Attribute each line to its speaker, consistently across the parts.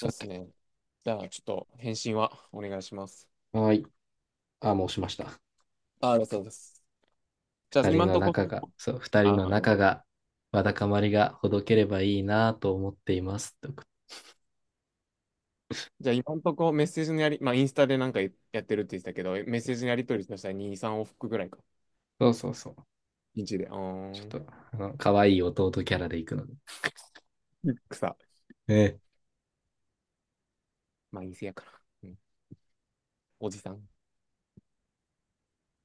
Speaker 1: そうです
Speaker 2: て、
Speaker 1: ね。じゃあ、ちょっと返信はお願いします。
Speaker 2: はい。あ、もう押しました。
Speaker 1: ああ、そうです。じゃあ、
Speaker 2: 二
Speaker 1: 今
Speaker 2: 人
Speaker 1: ん
Speaker 2: の
Speaker 1: とこ、
Speaker 2: 仲が、そう、二
Speaker 1: あ、
Speaker 2: 人の
Speaker 1: あ、
Speaker 2: 仲が、わだかまりがほどければいいなと思っています。と、
Speaker 1: じゃあ、今んとこメッセージのやり、まあ、インスタでなんかやってるって言ってたけど、メッセージのやり取りとしたら2、3往復ぐらいか。
Speaker 2: そうそうそう。
Speaker 1: 1で。
Speaker 2: ちょっ
Speaker 1: ん。
Speaker 2: と、可愛い弟キャラで行くので。
Speaker 1: 草。
Speaker 2: ええ。
Speaker 1: まあ、陰性やから。うん。おじさん。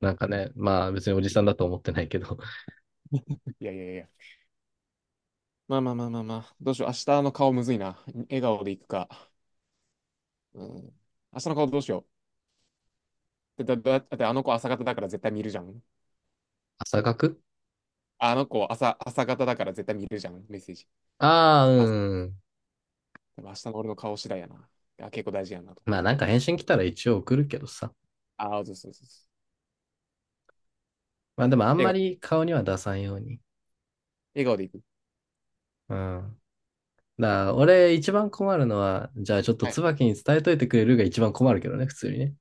Speaker 2: なんかね、まあ別におじさんだと思ってないけど、
Speaker 1: いやいやいや。まあまあまあまあまあ。どうしよう。明日の顔むずいな。笑顔でいくか。うん。明日の顔どうしよう。だってあの子朝方だから絶対見るじゃん。
Speaker 2: 朝学、
Speaker 1: あの子朝、朝方だから絶対見るじゃん。メッセージ。
Speaker 2: ああ、う
Speaker 1: 朝
Speaker 2: ん。
Speaker 1: でも明日の俺の顔次第やな。あ、結構大事やなと
Speaker 2: まあ
Speaker 1: 思っ
Speaker 2: なんか
Speaker 1: て。
Speaker 2: 返信来たら一応送るけどさ。
Speaker 1: ああ、そうそうそうそう。
Speaker 2: まあでもあん
Speaker 1: 笑
Speaker 2: ま
Speaker 1: 顔、
Speaker 2: り顔には出さんように。
Speaker 1: 笑顔でいく。
Speaker 2: うん。だから俺一番困るのは、じゃあちょっと
Speaker 1: はい。
Speaker 2: 椿に伝えといてくれるが一番困るけどね、普通にね。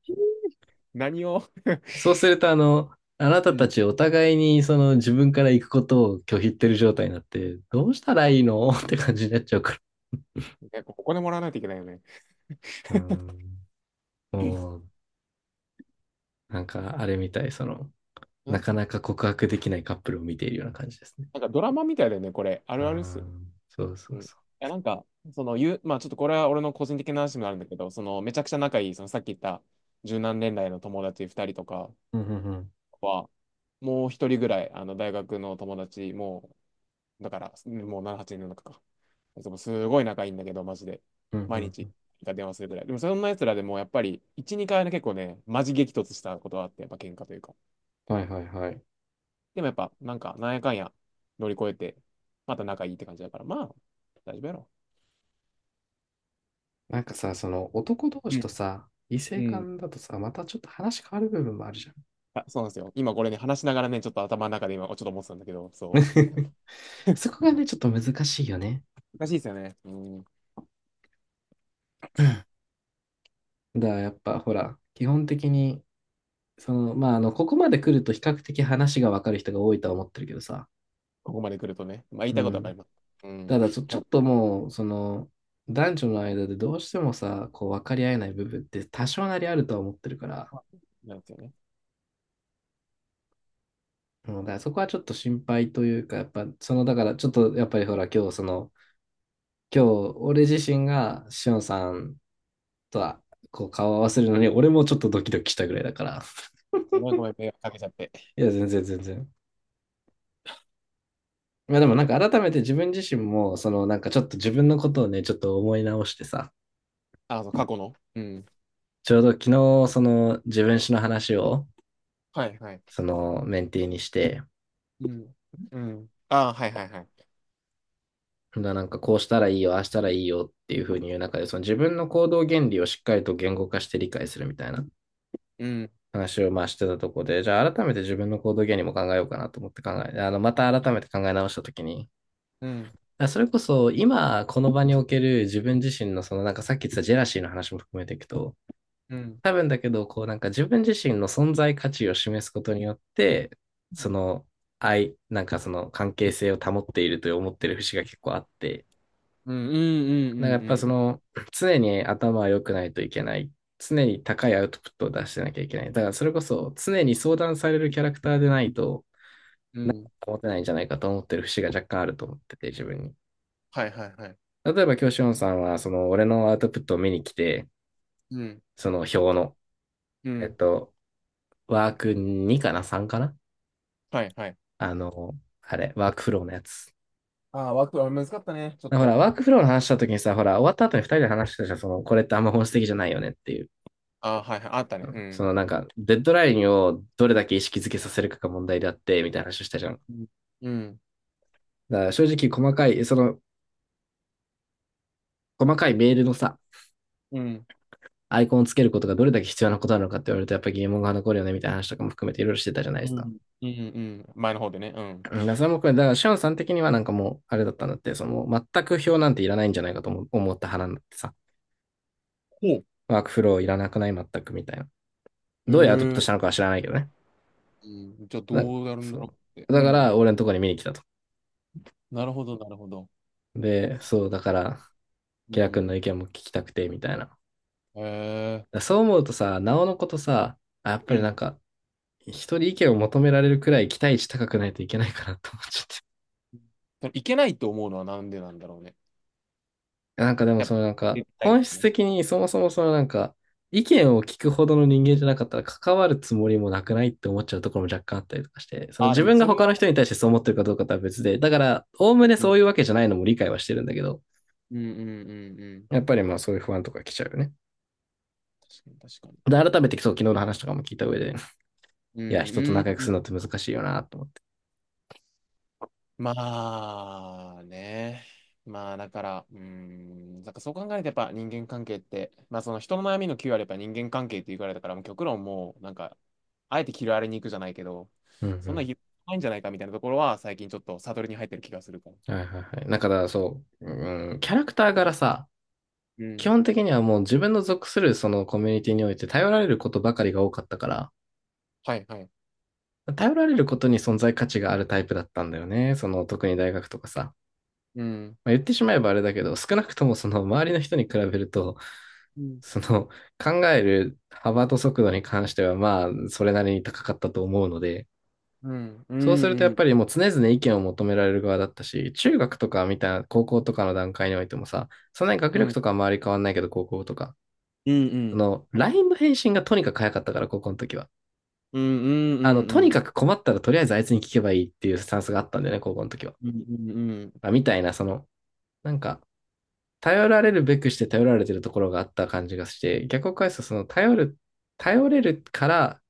Speaker 1: 何を
Speaker 2: そうすると、あな
Speaker 1: う
Speaker 2: たた
Speaker 1: ん。
Speaker 2: ちお互いにその自分から行くことを拒否ってる状態になって、どうしたらいいの って感じになっちゃうか
Speaker 1: なんかお金もらわないといけないよね。ん。
Speaker 2: ら。うん。もう、なんかあれみたい、その、な
Speaker 1: な
Speaker 2: かなか告白できないカップルを見ているような感じですね。
Speaker 1: んかドラマみたいだよね、これ。あ
Speaker 2: う
Speaker 1: るあるっすよね。
Speaker 2: ん。そうそ
Speaker 1: う
Speaker 2: う
Speaker 1: ん。い
Speaker 2: そ
Speaker 1: や、なんか、まあちょっとこれは俺の個人的な話になるんだけど、その、めちゃくちゃ仲いい、そのさっき言った十何年来の友達二人とか
Speaker 2: う。うんうんうん。
Speaker 1: は、もう一人ぐらい、あの、大学の友達もだから、もう7、8年の中か。いつもすごい仲いいんだけど、マジで。
Speaker 2: うんう
Speaker 1: 毎
Speaker 2: んう
Speaker 1: 日
Speaker 2: ん。
Speaker 1: 電話するぐらい。でもそんな奴らでもやっぱり、1、2回ね、結構ね、マジ激突したことはあって、やっぱ喧嘩というか。
Speaker 2: はいはいはい。
Speaker 1: でもやっぱ、なんか、なんやかんや乗り越えて、また仲いいって感じだから、まあ、大丈夫やろ。
Speaker 2: なんかさ、その男同
Speaker 1: う
Speaker 2: 士と
Speaker 1: ん
Speaker 2: さ、異性
Speaker 1: うん。
Speaker 2: 間だとさ、またちょっと話変わる部分もあるじゃん。
Speaker 1: あ、そうなんですよ。今これね、話しながらね、ちょっと頭の中で今、ちょっと思ってたんだけど、そう。
Speaker 2: そこがね、ちょっと難しいよね。
Speaker 1: 難しいですよね。うん。
Speaker 2: うん、だからやっぱほら、基本的にその、まあ、ここまで来ると比較的話がわかる人が多いとは思ってるけどさ。
Speaker 1: ここまで来るとね。まあ、言い
Speaker 2: う
Speaker 1: たいことわかり
Speaker 2: ん。
Speaker 1: ます。うん。
Speaker 2: ただちょっともう、その、男女の間でどうしてもさ、こう、分かり合えない部分って多少なりあるとは思ってるから。
Speaker 1: あ、なんですよね。
Speaker 2: うん、だからそこはちょっと心配というか、やっぱ、その、だから、ちょっと、やっぱりほら、今日、その、今日、俺自身が、しおんさんとは、こう、顔を合わせるのに、俺もちょっとドキドキしたぐらいだから。
Speaker 1: ごめんごめん、迷惑かけちゃって。
Speaker 2: いや、全然、全然。まあでもなんか改めて自分自身も、そのなんかちょっと自分のことをね、ちょっと思い直してさ、
Speaker 1: あ、そう、過去の。うん。
Speaker 2: ちょうど昨日、その自分史の話を、
Speaker 1: はいはい。
Speaker 2: そのメンティーにして、
Speaker 1: うん。うん。ああ、はいはいはい。
Speaker 2: だなんかこうしたらいいよ、ああしたらいいよっていうふうに言う中で、その自分の行動原理をしっかりと言語化して理解するみたいな
Speaker 1: うん。
Speaker 2: 話をまあしてたとこで、じゃあ改めて自分の行動原理も考えようかなと思って考え、また改めて考え直したときに、
Speaker 1: うん。
Speaker 2: あそれこそ今この場における自分自身のそのなんかさっき言ってたジェラシーの話も含めていくと、
Speaker 1: うん。
Speaker 2: 多分だけど、こうなんか自分自身の存在価値を示すことによって、
Speaker 1: う
Speaker 2: そ
Speaker 1: ん。
Speaker 2: の愛、なんかその関係性を保っていると思ってる節が結構あって、
Speaker 1: うん。うん。う
Speaker 2: なんか
Speaker 1: ん。
Speaker 2: やっぱ
Speaker 1: う
Speaker 2: そ
Speaker 1: ん。
Speaker 2: の常に頭は良くないといけない。常に高いアウトプットを出してなきゃいけない。だからそれこそ常に相談されるキャラクターでないと
Speaker 1: うん。
Speaker 2: 持てないんじゃないかと思ってる節が若干あると思ってて自分に。
Speaker 1: はいはいはい。
Speaker 2: 例えば今師ンさんはその俺のアウトプットを見に来て、
Speaker 1: うん。
Speaker 2: その表の、
Speaker 1: う
Speaker 2: えっ
Speaker 1: ん。
Speaker 2: と、ワーク2かな？ 3 かな、
Speaker 1: はいはい。
Speaker 2: あの、あれ、ワークフローのやつ。
Speaker 1: ああ、ワークは難かったね、ちょっ
Speaker 2: ほ
Speaker 1: と。
Speaker 2: ら、ワークフローの話した時にさ、ほら、終わった後に二人で話してたじゃん、その、これってあんま本質的じゃないよねっていう。
Speaker 1: ああ、はいはい。あった
Speaker 2: う
Speaker 1: ね。
Speaker 2: ん、
Speaker 1: う
Speaker 2: そ
Speaker 1: ん。
Speaker 2: のなんか、デッドラインをどれだけ意識づけさせるかが問題であって、みたいな話をしたじゃん。
Speaker 1: うん。
Speaker 2: だから正直、細かい、その、細かいメールのさ、
Speaker 1: うん。
Speaker 2: アイコンをつけることがどれだけ必要なことなのかって言われると、やっぱり疑問が残るよね、みたいな話とかも含めていろいろしてたじゃないで
Speaker 1: う
Speaker 2: す
Speaker 1: ん。
Speaker 2: か。
Speaker 1: うん。うん前の方でね。うん。
Speaker 2: うん、だからそれもこれ、だから、シオンさん的にはなんかもう、あれだったんだって、その、全く表なんていらないんじゃないかと思った派なんだってさ。
Speaker 1: ほ
Speaker 2: ワークフローいらなくない全くみたいな。
Speaker 1: う。へ
Speaker 2: どうやってアドプトしたの
Speaker 1: え。
Speaker 2: かは知らないけどね。
Speaker 1: うん。じゃあ
Speaker 2: な
Speaker 1: どうなるんだ
Speaker 2: そ
Speaker 1: ろ
Speaker 2: う。
Speaker 1: うって。う
Speaker 2: だか
Speaker 1: ん。
Speaker 2: ら、俺のとこに見に来たと。
Speaker 1: なるほど、なるほど。
Speaker 2: で、そう、だから、
Speaker 1: う
Speaker 2: ケラ君の
Speaker 1: ん。
Speaker 2: 意見も聞きたくて、みたいな。
Speaker 1: へえ。
Speaker 2: そう思うとさ、なおのことさ、あ、やっ
Speaker 1: う
Speaker 2: ぱりなん
Speaker 1: ん。
Speaker 2: か、人に意見を求められるくらい期待値高くないといけないかなと思っちゃって。
Speaker 1: でもいけないと思うのはなんでなんだろうね。
Speaker 2: なんかでも、
Speaker 1: やっぱ、
Speaker 2: そのなんか、
Speaker 1: 絶対。
Speaker 2: 本質的にそもそもそのなんか、意見を聞くほどの人間じゃなかったら関わるつもりもなくないって思っちゃうところも若干あったりとかして、その
Speaker 1: ああ、で
Speaker 2: 自
Speaker 1: も
Speaker 2: 分が
Speaker 1: それ
Speaker 2: 他の
Speaker 1: は、
Speaker 2: 人に対してそう思ってるかどうかとは別で、だから、おおむねそういうわけじゃないのも理解はしてるんだけど、
Speaker 1: うんうんうんうん。
Speaker 2: やっぱりまあそういう不安とか来ちゃうよね。
Speaker 1: 確かに確かに。
Speaker 2: で、改めてそう、昨日の話とかも聞いた上で、
Speaker 1: うん
Speaker 2: いや、人と
Speaker 1: うん
Speaker 2: 仲良く
Speaker 1: うん。
Speaker 2: するのって難しいよなと思って。
Speaker 1: まあね。まあだから、うん、なんかそう考えるとやっぱ人間関係って、まあその人の悩みのキューあれば人間関係って言われたからも極論もうなんか、あえてキルアレに行くじゃないけど、
Speaker 2: うんう
Speaker 1: そんな
Speaker 2: ん。
Speaker 1: 広いんじゃないかみたいなところは最近ちょっとサドルに入ってる気がするから。
Speaker 2: はいはいはい。だからそう、うん、キャラクター柄さ、
Speaker 1: う
Speaker 2: 基
Speaker 1: ん。
Speaker 2: 本的にはもう自分の属するそのコミュニティにおいて頼られることばかりが多かったから、
Speaker 1: はいはい。
Speaker 2: 頼られることに存在価値があるタイプだったんだよね。その特に大学とかさ。
Speaker 1: うん
Speaker 2: まあ、言ってしまえばあれだけど、少なくともその周りの人に比べると、
Speaker 1: うん
Speaker 2: その考える幅と速度に関してはまあそれなりに高かったと思うので、
Speaker 1: うんう
Speaker 2: そうするとやっぱ
Speaker 1: ん
Speaker 2: りもう常々意見を求められる側だったし、中学とかみたいな高校とかの段階においてもさ、そんなに学
Speaker 1: うんう
Speaker 2: 力
Speaker 1: ん
Speaker 2: とかは周り変わんないけど高校とか、
Speaker 1: うん
Speaker 2: ラインの返信がとにかく早かったから高校の時は。
Speaker 1: うんうんう
Speaker 2: とに
Speaker 1: ん
Speaker 2: かく困ったらとりあえずあいつに聞けばいいっていうスタンスがあったんだよね、高校の時は。
Speaker 1: うんうん。
Speaker 2: まあ、みたいな、その、なんか、頼られるべくして頼られてるところがあった感じがして、逆を返すとその、頼る、頼れるから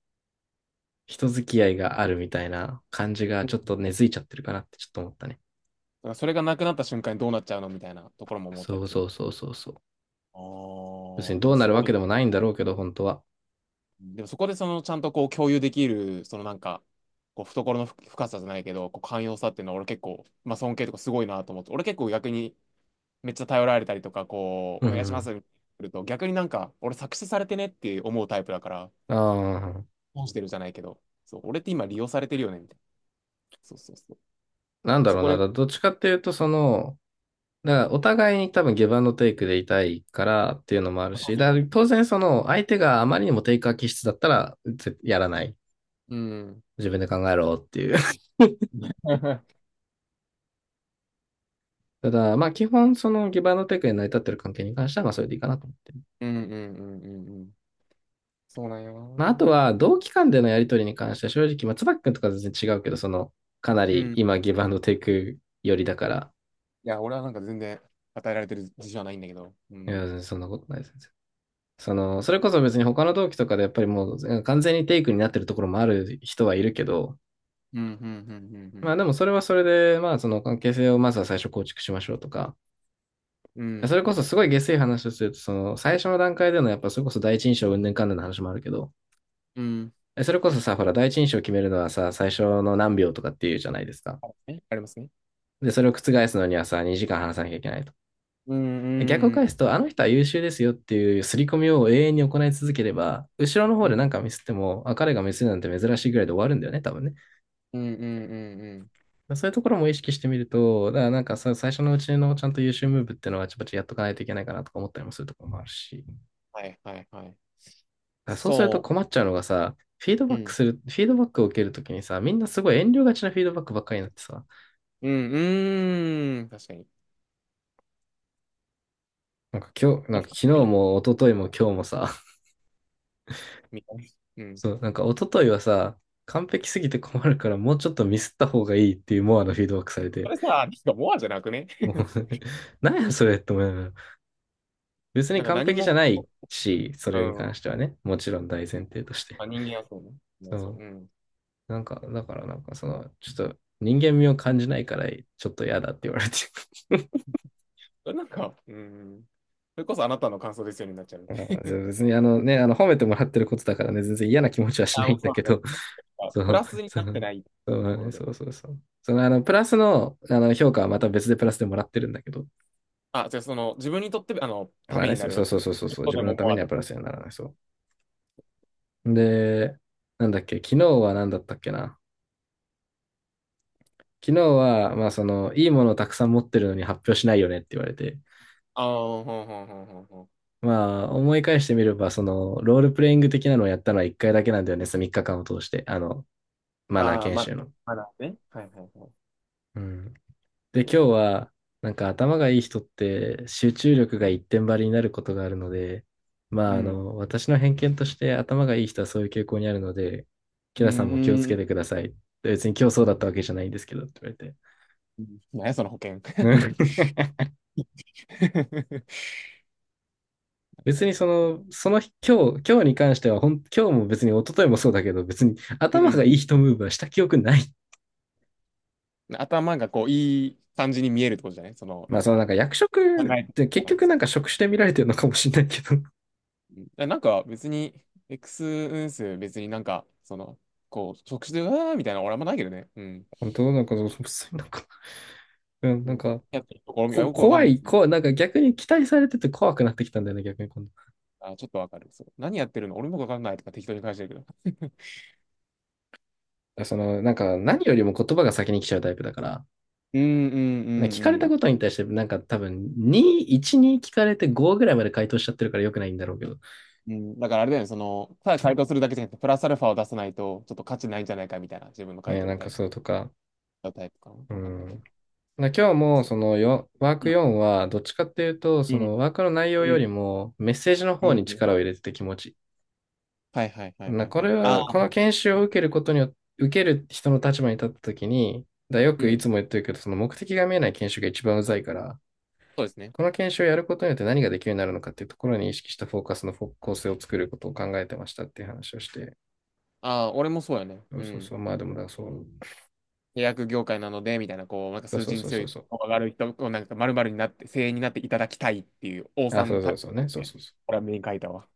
Speaker 2: 人付き合いがあるみたいな感じがちょっと根付いちゃってるかなってちょっと思ったね。
Speaker 1: なんかそれがなくなった瞬間にどうなっちゃうのみたいなところも思った
Speaker 2: そ
Speaker 1: り
Speaker 2: う
Speaker 1: す
Speaker 2: そ
Speaker 1: る。
Speaker 2: うそうそうそう。
Speaker 1: あ
Speaker 2: 別に
Speaker 1: ーで
Speaker 2: どう
Speaker 1: も
Speaker 2: な
Speaker 1: す
Speaker 2: る
Speaker 1: ご
Speaker 2: わ
Speaker 1: い
Speaker 2: けで
Speaker 1: ね。
Speaker 2: もないんだろうけど、本当は。
Speaker 1: でもそこでそのちゃんとこう共有できる、そのなんか、こう懐の深さじゃないけど、こう寛容さっていうのは俺結構、まあ尊敬とかすごいなと思って、俺結構逆にめっちゃ頼られたりとか、こ
Speaker 2: う
Speaker 1: う、
Speaker 2: ん
Speaker 1: お
Speaker 2: う
Speaker 1: 願いしま
Speaker 2: ん。
Speaker 1: すみたいなると、逆になんか、俺作詞されてねって思うタイプだから、
Speaker 2: ああ、
Speaker 1: 損してるじゃないけど、そう、俺って今利用されてるよねみたいな。そうそうそう。
Speaker 2: なん
Speaker 1: あ
Speaker 2: だ
Speaker 1: そ
Speaker 2: ろう
Speaker 1: こ
Speaker 2: な。
Speaker 1: で、
Speaker 2: だどっちかっていうと、その、だからお互いに多分ギブアンドテイクでいたいからっていうのもあるし、だから当然その相手があまりにもテイカー気質だったらぜやらない。
Speaker 1: うん。
Speaker 2: 自分で考えろっていう。ただ、まあ基本そのギブアンドテイクで成り立ってる関係に関してはまあそれでいいかなと思ってる。
Speaker 1: うんうんうんうんうん。そうなんよな。う
Speaker 2: まああと
Speaker 1: ん
Speaker 2: は同期間でのやりとりに関しては正直、まあ椿くんとか全然違うけど、そのかな
Speaker 1: う
Speaker 2: り
Speaker 1: ん。
Speaker 2: 今ギブアンドテイク寄りだから、
Speaker 1: いや、俺はなんか全然与えられてる自信はないんだけど。う
Speaker 2: いや、
Speaker 1: ん。
Speaker 2: 全然そんなことないです。その、それこそ別に他の同期とかでやっぱりもう完全にテイクになってるところもある人はいるけど、
Speaker 1: うん、うん、うん、うん、う
Speaker 2: ま
Speaker 1: ん。
Speaker 2: あでもそれはそれで、まあその関係性をまずは最初構築しましょうとか、
Speaker 1: うん、
Speaker 2: それこそ
Speaker 1: もう、
Speaker 2: すごい
Speaker 1: 僕、
Speaker 2: 下水話をすると、その最初の段階でのやっぱそれこそ第一印象うんかんぬんの話もあるけど、
Speaker 1: うん。
Speaker 2: それこそさ、ほら第一印象を決めるのはさ、最初の何秒とかっていうじゃないですか。
Speaker 1: あ、えありますね。
Speaker 2: で、それを覆すのにはさ、2時間話さなきゃいけないと。
Speaker 1: うん、う
Speaker 2: 逆を返
Speaker 1: ん、う
Speaker 2: す
Speaker 1: ん、
Speaker 2: と、あの人は優秀ですよっていう刷り込みを永遠に行い続ければ、後ろの方
Speaker 1: う
Speaker 2: で何
Speaker 1: ん、
Speaker 2: かミスっても、あ、彼がミスるなんて珍しいぐらいで終わるんだよね、多分ね。
Speaker 1: うん、うん、うんうん。
Speaker 2: そういうところも意識してみると、だからなんかさ、最初のうちのちゃんと優秀ムーブっていうのはちょっとやっとかないといけないかなとか思ったりもするところもあるし。だ
Speaker 1: はい、はい、はい。
Speaker 2: からそうすると
Speaker 1: そ
Speaker 2: 困っちゃうのがさ、フィードバ
Speaker 1: う。う
Speaker 2: ック
Speaker 1: ん、
Speaker 2: する、フィードバックを受けるときにさ、みんなすごい遠慮がちなフィードバックばっかりになってさ、
Speaker 1: うん、うーん。確かに。
Speaker 2: なんか今日、な
Speaker 1: も
Speaker 2: んか
Speaker 1: しかし
Speaker 2: 昨日
Speaker 1: たら、うん。
Speaker 2: も一昨日も今日もさ、
Speaker 1: みたいな。うん。
Speaker 2: そう、なんか一昨日はさ、完璧すぎて困るからもうちょっとミスった方がいいっていうモアのフィードバックされ
Speaker 1: そ
Speaker 2: て、
Speaker 1: れさ、なんかモアじゃなくね
Speaker 2: もう なんやそれって思いながら、別に
Speaker 1: なんか
Speaker 2: 完
Speaker 1: 何
Speaker 2: 璧じゃ
Speaker 1: も、
Speaker 2: ないし、そ
Speaker 1: う
Speaker 2: れに
Speaker 1: ん。
Speaker 2: 関してはね、もちろん大
Speaker 1: う
Speaker 2: 前
Speaker 1: ん。
Speaker 2: 提として。
Speaker 1: まあ、人間はそうね。う
Speaker 2: そ
Speaker 1: んそう。
Speaker 2: う、
Speaker 1: うん。
Speaker 2: なんか、だからなんかその、ちょっと人間味を感じないから、ちょっと嫌だって言われて。
Speaker 1: それなんか、うん。それこそあなたの感想ですよになっちゃう。
Speaker 2: あの別にね、褒めてもらってることだからね、全然嫌な気持ちはしな
Speaker 1: あ、も
Speaker 2: い
Speaker 1: う
Speaker 2: んだ
Speaker 1: そう
Speaker 2: け
Speaker 1: なんだ。
Speaker 2: ど、そ
Speaker 1: プ
Speaker 2: う、
Speaker 1: ラスに
Speaker 2: そ
Speaker 1: なって
Speaker 2: う、
Speaker 1: ないって
Speaker 2: そ
Speaker 1: い
Speaker 2: う
Speaker 1: うと
Speaker 2: だ
Speaker 1: こ
Speaker 2: ね、
Speaker 1: ろ
Speaker 2: そ
Speaker 1: で。
Speaker 2: うそうそう。その、あの、プラスの、あの、評価はまた別でプラスでもらってるんだけど、
Speaker 1: あ、じゃあその、自分にとって、あの、た
Speaker 2: まあ
Speaker 1: め
Speaker 2: ね、
Speaker 1: に
Speaker 2: そ
Speaker 1: な
Speaker 2: う
Speaker 1: る
Speaker 2: そ
Speaker 1: わ
Speaker 2: う
Speaker 1: け。
Speaker 2: そうそうそう
Speaker 1: 一
Speaker 2: そう、
Speaker 1: 歩
Speaker 2: 自
Speaker 1: で
Speaker 2: 分
Speaker 1: も
Speaker 2: のた
Speaker 1: 思
Speaker 2: め
Speaker 1: わ
Speaker 2: には
Speaker 1: ぬ。
Speaker 2: プラスにはならない、そう。で、なんだっけ、昨日は何だったっけな。昨日は、まあ、その、いいものをたくさん持ってるのに発表しないよねって言われて、
Speaker 1: ああ、ほんほんほんほんほん。
Speaker 2: まあ、思い返してみれば、その、ロールプレイング的なのをやったのは1回だけなんだよね、その3日間を通して、あの、マナー
Speaker 1: ああ、
Speaker 2: 研
Speaker 1: ま、
Speaker 2: 修の。
Speaker 1: まだね。はいはいはい。
Speaker 2: うん。で、今日
Speaker 1: そ
Speaker 2: は、なんか頭がいい人って集中力が一点張りになることがあるので、
Speaker 1: う。
Speaker 2: ま
Speaker 1: う
Speaker 2: あ、あ
Speaker 1: ん。
Speaker 2: の、私の偏見として頭がいい人はそういう傾向にあるので、キ
Speaker 1: う
Speaker 2: ラさん
Speaker 1: ん、
Speaker 2: も気をつ
Speaker 1: う
Speaker 2: け
Speaker 1: ん。
Speaker 2: てください。別に今日そうだったわけじゃないんですけど、って
Speaker 1: 何や、その保険。
Speaker 2: 言われて。うん。
Speaker 1: そ
Speaker 2: 別
Speaker 1: う
Speaker 2: に
Speaker 1: だ、
Speaker 2: その、その日、今日、今日に関してはほん、今日も別に一昨日もそうだけど、別に
Speaker 1: う
Speaker 2: 頭が
Speaker 1: ん。
Speaker 2: いい人ムーブはした記憶ない。
Speaker 1: 頭がこう、いい感じに見えるってことじゃないその、な
Speaker 2: まあ、
Speaker 1: ん
Speaker 2: その
Speaker 1: か、
Speaker 2: なんか役職
Speaker 1: 考
Speaker 2: っ
Speaker 1: えて
Speaker 2: て
Speaker 1: た
Speaker 2: 結
Speaker 1: な。う
Speaker 2: 局なんか職種で見られてるのかもしれないけど、
Speaker 1: ん。だなんか別に、X 運数別になんか、その、こう、直視で、うわーみたいな、俺はあんまないけどね。うん。
Speaker 2: 本当なんか、そうなんか、うん、な
Speaker 1: な
Speaker 2: ん
Speaker 1: んか、
Speaker 2: か、
Speaker 1: やってるところ、いや
Speaker 2: こ、
Speaker 1: よくわかん
Speaker 2: 怖
Speaker 1: ないです
Speaker 2: い、
Speaker 1: けど、
Speaker 2: こ、なんか逆に期待されてて怖くなってきたんだよね、逆に今
Speaker 1: あ、ちょっとわかる。そう。何やってるの俺もわかんないとか適当に返してるけど。
Speaker 2: 度。その、なんか何よりも言葉が先に来ちゃうタイプだから、
Speaker 1: うんうんう
Speaker 2: ね聞かれ
Speaker 1: んう
Speaker 2: た
Speaker 1: ん。
Speaker 2: ことに対して、なんか多分、2、1、2聞かれて5ぐらいまで回答しちゃってるから良くないんだろうけど。
Speaker 1: うんだからあれだよね、その、ただ回答するだけじゃなくて、プラスアルファを出さないと、ちょっと価値ないんじゃないかみたいな、自分の回
Speaker 2: ね、
Speaker 1: 答
Speaker 2: な
Speaker 1: に
Speaker 2: んか
Speaker 1: 対し
Speaker 2: そ
Speaker 1: て
Speaker 2: うとか、
Speaker 1: のタイプかな。
Speaker 2: う
Speaker 1: わかんないけ
Speaker 2: ん。
Speaker 1: ど。
Speaker 2: な今日も、
Speaker 1: そ
Speaker 2: そのよ、ワー
Speaker 1: う、
Speaker 2: ク
Speaker 1: あ、
Speaker 2: 4は、どっちかっていうと、
Speaker 1: う
Speaker 2: そ
Speaker 1: ん、
Speaker 2: のワークの内
Speaker 1: う
Speaker 2: 容よ
Speaker 1: ん、
Speaker 2: りも、メッセージの
Speaker 1: う
Speaker 2: 方に
Speaker 1: ん。
Speaker 2: 力を入れてて気持ち
Speaker 1: はいはいはいは
Speaker 2: な、
Speaker 1: い
Speaker 2: こ
Speaker 1: は
Speaker 2: れ
Speaker 1: い。ああ、
Speaker 2: は、この研修を受けることによって、受ける人の立場に立ったときに、だ、よ
Speaker 1: う
Speaker 2: くい
Speaker 1: ん。
Speaker 2: つも言ってるけど、その目的が見えない研修が一番うざいから、
Speaker 1: そうですね。
Speaker 2: この研修をやることによって何ができるようになるのかっていうところに意識したフォーカスの構成を作ることを考えてましたっていう話をして、
Speaker 1: ああ、俺もそうやね。
Speaker 2: そう
Speaker 1: う
Speaker 2: そうそ
Speaker 1: ん。
Speaker 2: う、まあでもだ、そう、
Speaker 1: 契約業界なので、みたいな、こう、なんか数
Speaker 2: そう
Speaker 1: 字に
Speaker 2: そう
Speaker 1: 強
Speaker 2: そう
Speaker 1: い、
Speaker 2: そう、
Speaker 1: 上がる人、こうなんか丸々になって、精鋭になっていただきたいっていう、王
Speaker 2: あ、
Speaker 1: さ
Speaker 2: そ
Speaker 1: ん
Speaker 2: うそ
Speaker 1: た、
Speaker 2: うそうね、そうそうそ
Speaker 1: これはメイン書いたわ。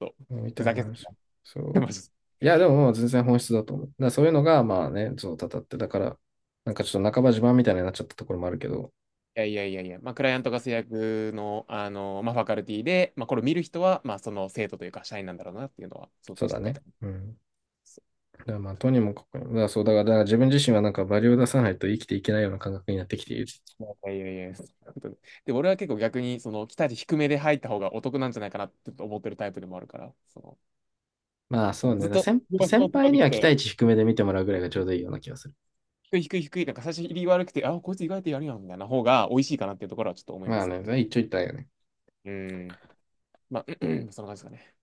Speaker 1: そう。
Speaker 2: う、み
Speaker 1: ふ
Speaker 2: たい
Speaker 1: ざ
Speaker 2: な
Speaker 1: けすぎ
Speaker 2: 話。
Speaker 1: た。
Speaker 2: そ
Speaker 1: マジで、
Speaker 2: う。いや、でももう全然本質だと思う。だからそういうのが、まあね、そう、たたって、だから、なん
Speaker 1: そ
Speaker 2: か
Speaker 1: う。
Speaker 2: ちょっと半ば自慢みたいになっちゃったところもあるけど、
Speaker 1: いやいやいやいや、まあ、クライアントが制約の、あの、まあ、ファカルティで、まあ、これを見る人は、まあ、その生徒というか、社員なんだろうなっていうのは想
Speaker 2: そう
Speaker 1: 定し
Speaker 2: だ
Speaker 1: て書いて
Speaker 2: ね。
Speaker 1: ありま
Speaker 2: うん。
Speaker 1: す。そ
Speaker 2: だからまあ、とにもかくにも、だからそう、だから、だから自分自身はなんかバリを出さないと生きていけないような感覚になってきている。
Speaker 1: う。いやいやいや、そういうことで、で俺は結構逆に、その、期待値低めで入った方がお得なんじゃないかなって思ってるタイプでもあるから、その、
Speaker 2: まあ
Speaker 1: そ
Speaker 2: そう
Speaker 1: の
Speaker 2: ね、だ
Speaker 1: ずっ
Speaker 2: から
Speaker 1: と、
Speaker 2: 先、
Speaker 1: すごいすご
Speaker 2: 先
Speaker 1: いすごい
Speaker 2: 輩
Speaker 1: って
Speaker 2: に
Speaker 1: き
Speaker 2: は期
Speaker 1: て、
Speaker 2: 待値低めで見てもらうぐらいがちょうどいいような気がする。
Speaker 1: 低い低い低い、なんか最初入り悪くて、あ、こいつ意外とやるやん、みたいな方が美味しいかなっていうところはちょっと思いま
Speaker 2: まあ
Speaker 1: すね。
Speaker 2: ね、一長一短よね。
Speaker 1: うん。まあ、そんな感じですかね。